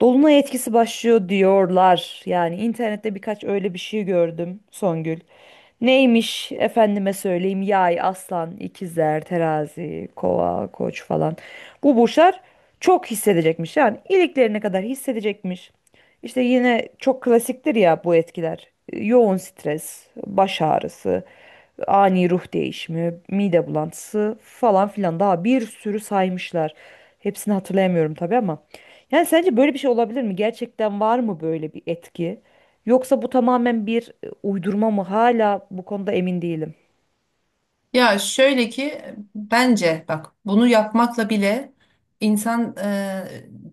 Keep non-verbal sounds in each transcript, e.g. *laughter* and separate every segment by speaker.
Speaker 1: Dolunay etkisi başlıyor diyorlar. Yani internette birkaç öyle bir şey gördüm Songül. Neymiş efendime söyleyeyim yay, aslan, ikizler, terazi, kova, koç falan. Bu burçlar çok hissedecekmiş yani iliklerine kadar hissedecekmiş. İşte yine çok klasiktir ya bu etkiler. Yoğun stres, baş ağrısı, ani ruh değişimi, mide bulantısı falan filan daha bir sürü saymışlar. Hepsini hatırlayamıyorum tabii ama. Yani sence böyle bir şey olabilir mi? Gerçekten var mı böyle bir etki? Yoksa bu tamamen bir uydurma mı? Hala bu konuda emin değilim.
Speaker 2: Ya şöyle ki, bence bak, bunu yapmakla bile insan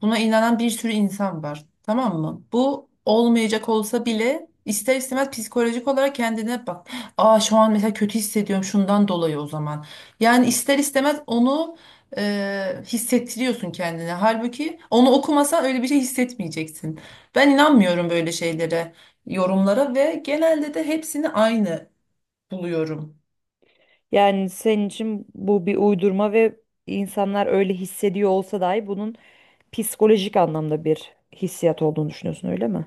Speaker 2: buna inanan bir sürü insan var. Tamam mı? Bu olmayacak olsa bile ister istemez psikolojik olarak kendine bak. Aa şu an mesela kötü hissediyorum şundan dolayı o zaman. Yani ister istemez onu hissettiriyorsun kendine. Halbuki onu okumasan öyle bir şey hissetmeyeceksin. Ben inanmıyorum böyle şeylere, yorumlara ve genelde de hepsini aynı buluyorum.
Speaker 1: Yani senin için bu bir uydurma ve insanlar öyle hissediyor olsa dahi bunun psikolojik anlamda bir hissiyat olduğunu düşünüyorsun öyle mi?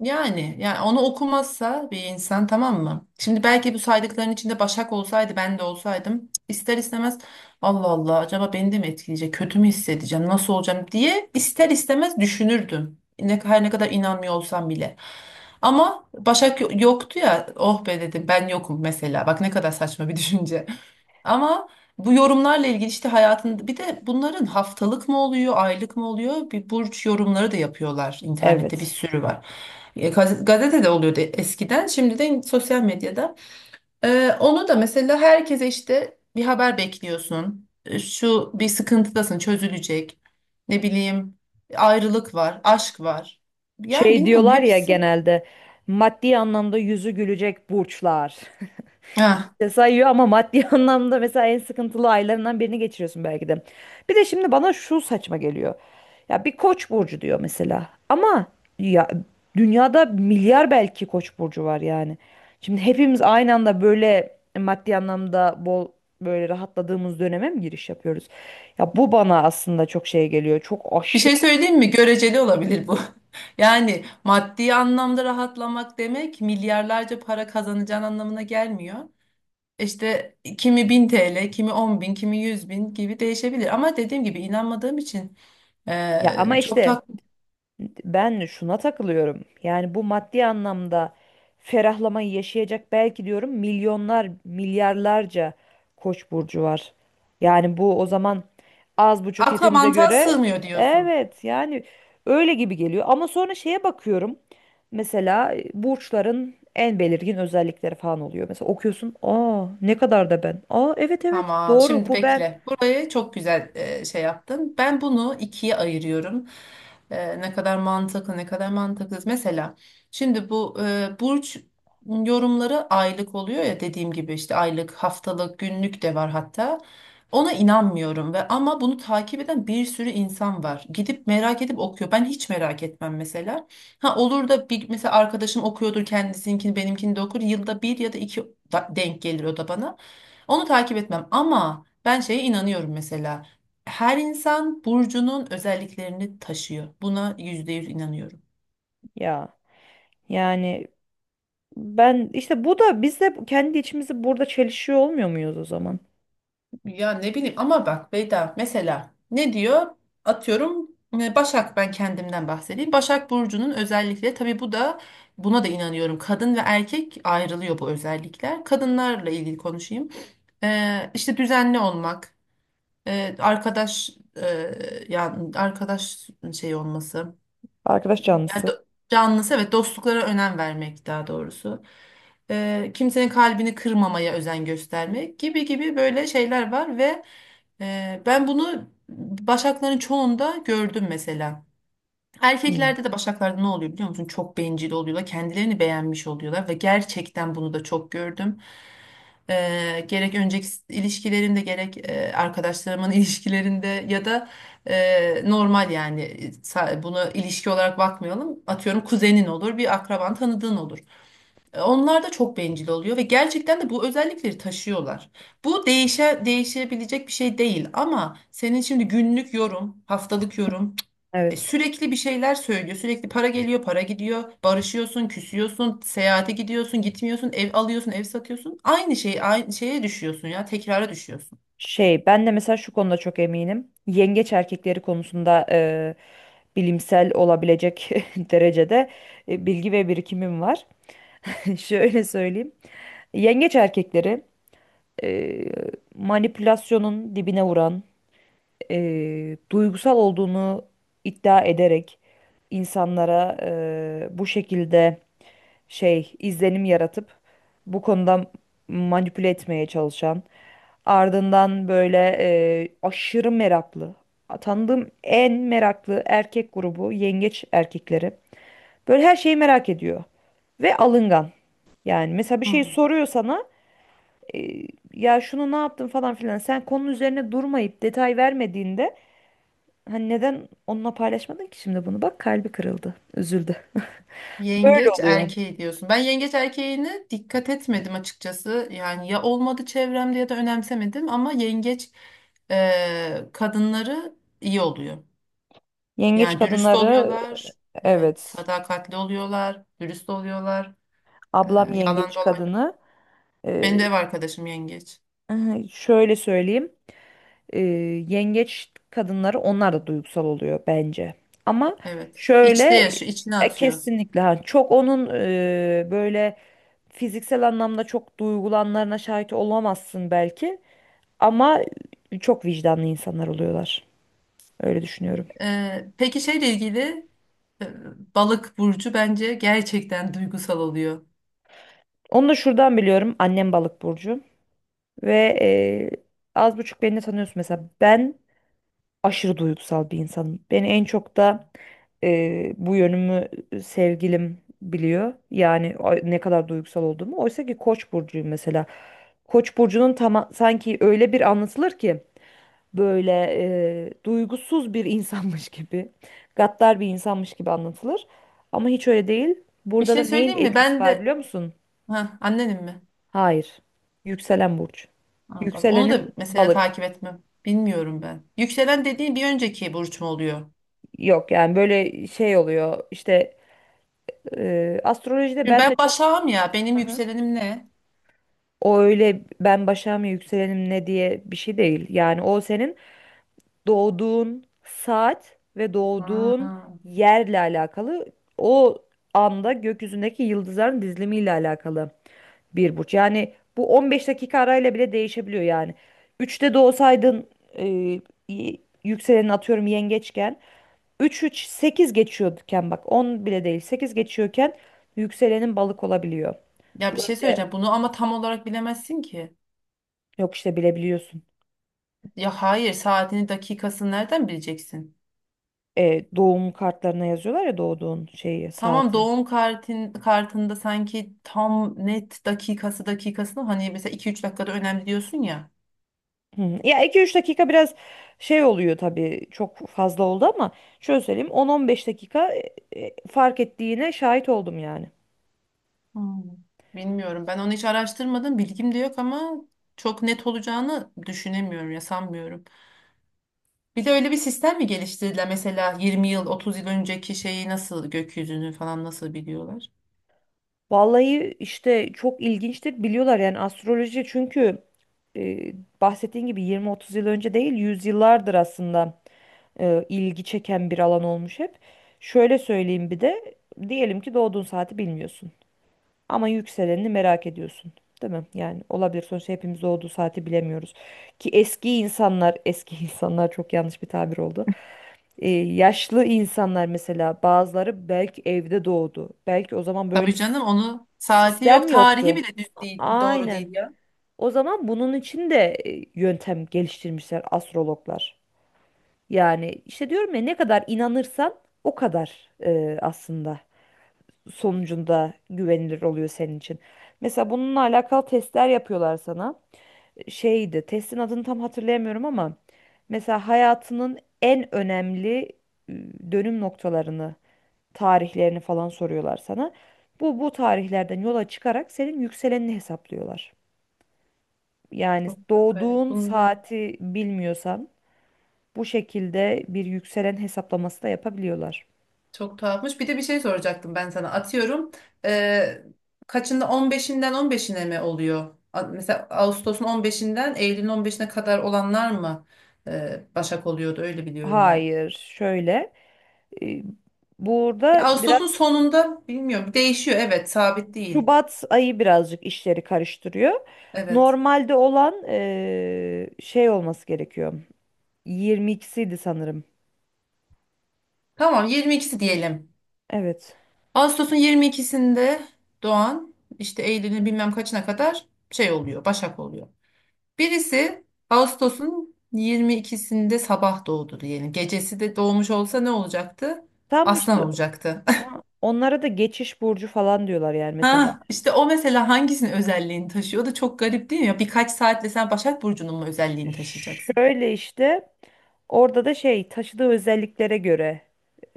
Speaker 2: Yani, onu okumazsa bir insan, tamam mı? Şimdi belki bu saydıkların içinde Başak olsaydı ben de olsaydım ister istemez Allah Allah acaba beni de mi etkileyecek, kötü mü hissedeceğim, nasıl olacağım diye ister istemez düşünürdüm. Her ne kadar inanmıyor olsam bile. Ama Başak yoktu ya, oh be dedim, ben yokum mesela, bak ne kadar saçma bir *laughs* düşünce. Ama bu yorumlarla ilgili işte hayatında bir de bunların haftalık mı oluyor, aylık mı oluyor? Bir burç yorumları da yapıyorlar. İnternette bir
Speaker 1: Evet.
Speaker 2: sürü var. Gazetede oluyordu eskiden, şimdi de sosyal medyada. Onu da mesela herkese işte bir haber bekliyorsun. Şu, bir sıkıntıdasın, çözülecek. Ne bileyim, ayrılık var, aşk var. Yani
Speaker 1: Şey
Speaker 2: bilmiyorum
Speaker 1: diyorlar ya
Speaker 2: hepsi.
Speaker 1: genelde maddi anlamda yüzü gülecek burçlar. *laughs*
Speaker 2: Ah.
Speaker 1: İşte sayıyor ama maddi *laughs* anlamda mesela en sıkıntılı aylarından birini geçiriyorsun belki de. Bir de şimdi bana şu saçma geliyor. Ya bir koç burcu diyor mesela. Ama ya dünyada milyar belki koç burcu var yani. Şimdi hepimiz aynı anda böyle maddi anlamda bol böyle rahatladığımız döneme mi giriş yapıyoruz? Ya bu bana aslında çok şey geliyor. Çok
Speaker 2: Bir şey
Speaker 1: aşırı.
Speaker 2: söyleyeyim mi? Göreceli olabilir bu. *laughs* Yani maddi anlamda rahatlamak demek milyarlarca para kazanacağın anlamına gelmiyor. İşte kimi 1000 TL, kimi 10.000, kimi 100.000 gibi değişebilir. Ama dediğim gibi inanmadığım için
Speaker 1: Ya ama
Speaker 2: çok tak
Speaker 1: işte ben şuna takılıyorum. Yani bu maddi anlamda ferahlamayı yaşayacak belki diyorum milyonlar, milyarlarca koç burcu var. Yani bu o zaman az buçuk
Speaker 2: akla
Speaker 1: hepimize
Speaker 2: mantığa
Speaker 1: göre.
Speaker 2: sığmıyor diyorsun.
Speaker 1: Evet yani öyle gibi geliyor. Ama sonra şeye bakıyorum. Mesela burçların en belirgin özellikleri falan oluyor. Mesela okuyorsun, "Aa ne kadar da ben." "Aa evet evet
Speaker 2: Tamam,
Speaker 1: doğru
Speaker 2: şimdi
Speaker 1: bu ben."
Speaker 2: bekle. Burayı çok güzel şey yaptın. Ben bunu ikiye ayırıyorum. Ne kadar mantıklı, ne kadar mantıksız. Mesela şimdi bu burç yorumları aylık oluyor ya, dediğim gibi işte aylık, haftalık, günlük de var hatta. Ona inanmıyorum ama bunu takip eden bir sürü insan var. Gidip merak edip okuyor. Ben hiç merak etmem mesela. Ha, olur da bir mesela arkadaşım okuyordur kendisinkini, benimkini de okur. Yılda bir ya da iki denk gelir o da bana. Onu takip etmem ama ben şeye inanıyorum mesela. Her insan burcunun özelliklerini taşıyor. Buna %100 inanıyorum.
Speaker 1: Ya yani ben işte bu da biz de kendi içimizi burada çelişiyor olmuyor muyuz o zaman?
Speaker 2: Ya ne bileyim ama bak Beyda mesela ne diyor? Atıyorum, Başak, ben kendimden bahsedeyim. Başak burcunun özellikleri, tabii bu da buna da inanıyorum. Kadın ve erkek ayrılıyor bu özellikler. Kadınlarla ilgili konuşayım. İşte düzenli olmak, e, arkadaş e, yani arkadaş şey olması.
Speaker 1: Arkadaş
Speaker 2: Yani
Speaker 1: canlısı.
Speaker 2: canlısı, evet, dostluklara önem vermek daha doğrusu. Kimsenin kalbini kırmamaya özen göstermek gibi gibi böyle şeyler var ve ben bunu başakların çoğunda gördüm mesela.
Speaker 1: Hı.
Speaker 2: Erkeklerde de başaklarda ne oluyor biliyor musun? Çok bencil oluyorlar. Kendilerini beğenmiş oluyorlar ve gerçekten bunu da çok gördüm. Gerek önceki ilişkilerimde, gerek arkadaşlarımın *laughs* ilişkilerinde, ya da normal, yani buna ilişki olarak bakmayalım. Atıyorum kuzenin olur, bir akraban, tanıdığın olur. Onlar da çok bencil oluyor ve gerçekten de bu özellikleri taşıyorlar. Bu değişebilecek bir şey değil, ama senin şimdi günlük yorum, haftalık yorum
Speaker 1: Evet.
Speaker 2: sürekli bir şeyler söylüyor. Sürekli para geliyor, para gidiyor. Barışıyorsun, küsüyorsun, seyahate gidiyorsun, gitmiyorsun, ev alıyorsun, ev satıyorsun. Aynı şey, aynı şeye düşüyorsun ya, tekrara düşüyorsun.
Speaker 1: Şey ben de mesela şu konuda çok eminim. Yengeç erkekleri konusunda bilimsel olabilecek *laughs* derecede bilgi ve birikimim var. *laughs* Şöyle söyleyeyim. Yengeç erkekleri e, manipülasyonun dibine vuran, duygusal olduğunu iddia ederek insanlara bu şekilde şey izlenim yaratıp bu konuda manipüle etmeye çalışan, ardından böyle aşırı meraklı, tanıdığım en meraklı erkek grubu yengeç erkekleri, böyle her şeyi merak ediyor ve alıngan. Yani mesela bir şey
Speaker 2: Hmm.
Speaker 1: soruyor sana, e, ya şunu ne yaptın falan filan, sen konunun üzerine durmayıp detay vermediğinde, hani neden onunla paylaşmadın ki şimdi, bunu bak kalbi kırıldı, üzüldü. Böyle
Speaker 2: Yengeç
Speaker 1: oluyor
Speaker 2: erkeği diyorsun. Ben yengeç erkeğine dikkat etmedim açıkçası. Yani ya olmadı çevremde, ya da önemsemedim, ama yengeç kadınları iyi oluyor.
Speaker 1: yengeç
Speaker 2: Yani dürüst
Speaker 1: kadınları.
Speaker 2: oluyorlar. Evet,
Speaker 1: Evet.
Speaker 2: sadakatli oluyorlar, dürüst oluyorlar. E,
Speaker 1: Ablam
Speaker 2: yalan
Speaker 1: yengeç
Speaker 2: dolan.
Speaker 1: kadını.
Speaker 2: Benim
Speaker 1: Ee,
Speaker 2: de ev arkadaşım yengeç.
Speaker 1: *laughs* şöyle söyleyeyim. Ee, Yengeç kadınları onlar da duygusal oluyor bence. Ama
Speaker 2: Evet. İçte
Speaker 1: şöyle
Speaker 2: yaşıyor, içine atıyor.
Speaker 1: kesinlikle ha, çok onun böyle fiziksel anlamda çok duygulanlarına şahit olamazsın belki. Ama çok vicdanlı insanlar oluyorlar. Öyle düşünüyorum.
Speaker 2: Peki şeyle ilgili, e, balık burcu bence gerçekten duygusal oluyor.
Speaker 1: Onu da şuradan biliyorum. Annem balık burcu ve az buçuk beni de tanıyorsun mesela. Ben aşırı duygusal bir insanım. Beni en çok da bu yönümü sevgilim biliyor. Yani ne kadar duygusal olduğumu. Oysa ki Koç burcuyum mesela. Koç burcunun tam sanki öyle bir anlatılır ki böyle duygusuz bir *laughs* insanmış gibi, gaddar bir insanmış gibi anlatılır. Ama hiç öyle değil.
Speaker 2: Bir
Speaker 1: Burada da
Speaker 2: şey
Speaker 1: neyin
Speaker 2: söyleyeyim mi?
Speaker 1: etkisi
Speaker 2: Ben
Speaker 1: var
Speaker 2: de,
Speaker 1: biliyor musun?
Speaker 2: ha, annenim mi?
Speaker 1: Hayır. Yükselen burç.
Speaker 2: Ha, bak onu
Speaker 1: Yükselenim
Speaker 2: da mesela
Speaker 1: balık.
Speaker 2: takip etmem. Bilmiyorum ben. Yükselen dediğin bir önceki burç mu oluyor?
Speaker 1: Yok yani böyle şey oluyor işte. Astrolojide
Speaker 2: Şimdi
Speaker 1: ben
Speaker 2: ben
Speaker 1: de çok.
Speaker 2: Başak'ım ya. Benim
Speaker 1: Hı hı.
Speaker 2: yükselenim ne?
Speaker 1: O öyle ben başa mı yükselenim ne diye bir şey değil. Yani o senin doğduğun saat ve doğduğun
Speaker 2: Ha.
Speaker 1: yerle alakalı, o anda gökyüzündeki yıldızların dizilimiyle alakalı bir burç. Yani bu 15 dakika arayla bile değişebiliyor yani. 3'te doğsaydın, e, y- yükselenin atıyorum yengeçken, üç sekiz geçiyorken, bak 10 bile değil 8 geçiyorken, yükselenin balık olabiliyor.
Speaker 2: Ya bir şey
Speaker 1: Böyle.
Speaker 2: söyleyeceğim. Bunu ama tam olarak bilemezsin ki.
Speaker 1: Yok işte bilebiliyorsun.
Speaker 2: Ya hayır, saatini, dakikasını nereden bileceksin?
Speaker 1: E, doğum kartlarına yazıyorlar ya doğduğun şeyi,
Speaker 2: Tamam,
Speaker 1: saati.
Speaker 2: doğum kartında sanki tam net dakikasını, hani mesela iki üç dakikada önemli diyorsun ya.
Speaker 1: Hı. Ya 2-3 dakika biraz şey oluyor tabii, çok fazla oldu ama şöyle söyleyeyim, 10-15 dakika fark ettiğine şahit oldum yani.
Speaker 2: Hmm. Bilmiyorum, ben onu hiç araştırmadım, bilgim de yok ama çok net olacağını düşünemiyorum ya, sanmıyorum. Bir de öyle bir sistem mi geliştirdiler, mesela 20 yıl 30 yıl önceki şeyi, nasıl gökyüzünü falan nasıl biliyorlar?
Speaker 1: Vallahi işte çok ilginçtir, biliyorlar yani astroloji çünkü e, bahsettiğin gibi 20-30 yıl önce değil, yüzyıllardır aslında ilgi çeken bir alan olmuş hep. Şöyle söyleyeyim bir de, diyelim ki doğduğun saati bilmiyorsun. Ama yükselenini merak ediyorsun. Değil mi? Yani olabilir. Sonuçta hepimiz doğduğu saati bilemiyoruz. Ki eski insanlar, eski *laughs* insanlar çok yanlış bir tabir oldu. Yaşlı insanlar mesela bazıları belki evde doğdu. Belki o zaman böyle
Speaker 2: Tabii canım, onu saati yok,
Speaker 1: sistem
Speaker 2: tarihi
Speaker 1: yoktu.
Speaker 2: bile düz değil, doğru
Speaker 1: Aynen.
Speaker 2: değil ya.
Speaker 1: O zaman bunun için de yöntem geliştirmişler astrologlar. Yani işte diyorum ya, ne kadar inanırsan o kadar aslında sonucunda güvenilir oluyor senin için. Mesela bununla alakalı testler yapıyorlar sana. Şeydi, testin adını tam hatırlayamıyorum ama mesela hayatının en önemli e, dönüm noktalarını, tarihlerini falan soruyorlar sana. Bu tarihlerden yola çıkarak senin yükselenini hesaplıyorlar. Yani
Speaker 2: Çok garip
Speaker 1: doğduğun
Speaker 2: bunu da.
Speaker 1: saati bilmiyorsan bu şekilde bir yükselen hesaplaması da yapabiliyorlar.
Speaker 2: Çok tuhafmış. Bir de bir şey soracaktım ben sana. Atıyorum. eee, kaçında 15'inden 15'ine mi oluyor? Mesela Ağustos'un 15'inden Eylül'ün 15'ine kadar olanlar mı Başak oluyordu? Öyle biliyorum ben.
Speaker 1: Hayır, şöyle. e,
Speaker 2: Ya
Speaker 1: Burada biraz
Speaker 2: Ağustos'un sonunda bilmiyorum. Değişiyor. Evet, sabit değil.
Speaker 1: Şubat ayı birazcık işleri karıştırıyor.
Speaker 2: Evet.
Speaker 1: Normalde olan şey olması gerekiyor. 22'siydi sanırım.
Speaker 2: Tamam, 22'si diyelim.
Speaker 1: Evet.
Speaker 2: Ağustos'un 22'sinde doğan, işte Eylül'ün bilmem kaçına kadar şey oluyor. Başak oluyor. Birisi Ağustos'un 22'sinde sabah doğdu diyelim. Gecesi de doğmuş olsa ne olacaktı?
Speaker 1: Tam
Speaker 2: Aslan
Speaker 1: işte
Speaker 2: olacaktı. *laughs*
Speaker 1: ha, onlara da geçiş burcu falan diyorlar yani mesela.
Speaker 2: Ha, işte o mesela hangisinin özelliğini taşıyor? O da çok garip değil mi? Ya birkaç saatle sen Başak Burcu'nun mu özelliğini taşıyacaksın?
Speaker 1: Şöyle işte orada da şey taşıdığı özelliklere göre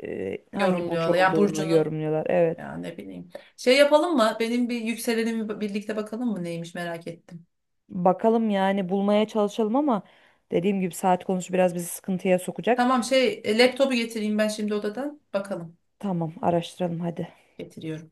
Speaker 1: hangi burç
Speaker 2: Yorumluyorlar. Yani
Speaker 1: olduğunu
Speaker 2: Burcu'nu.
Speaker 1: yorumluyorlar. Evet.
Speaker 2: Ya ne bileyim. Şey yapalım mı? Benim bir yükselenimi birlikte bakalım mı? Neymiş, merak ettim.
Speaker 1: Bakalım yani bulmaya çalışalım ama dediğim gibi saat konusu biraz bizi sıkıntıya sokacak.
Speaker 2: Tamam, şey, laptopu getireyim ben şimdi odadan. Bakalım.
Speaker 1: Tamam araştıralım hadi.
Speaker 2: Getiriyorum.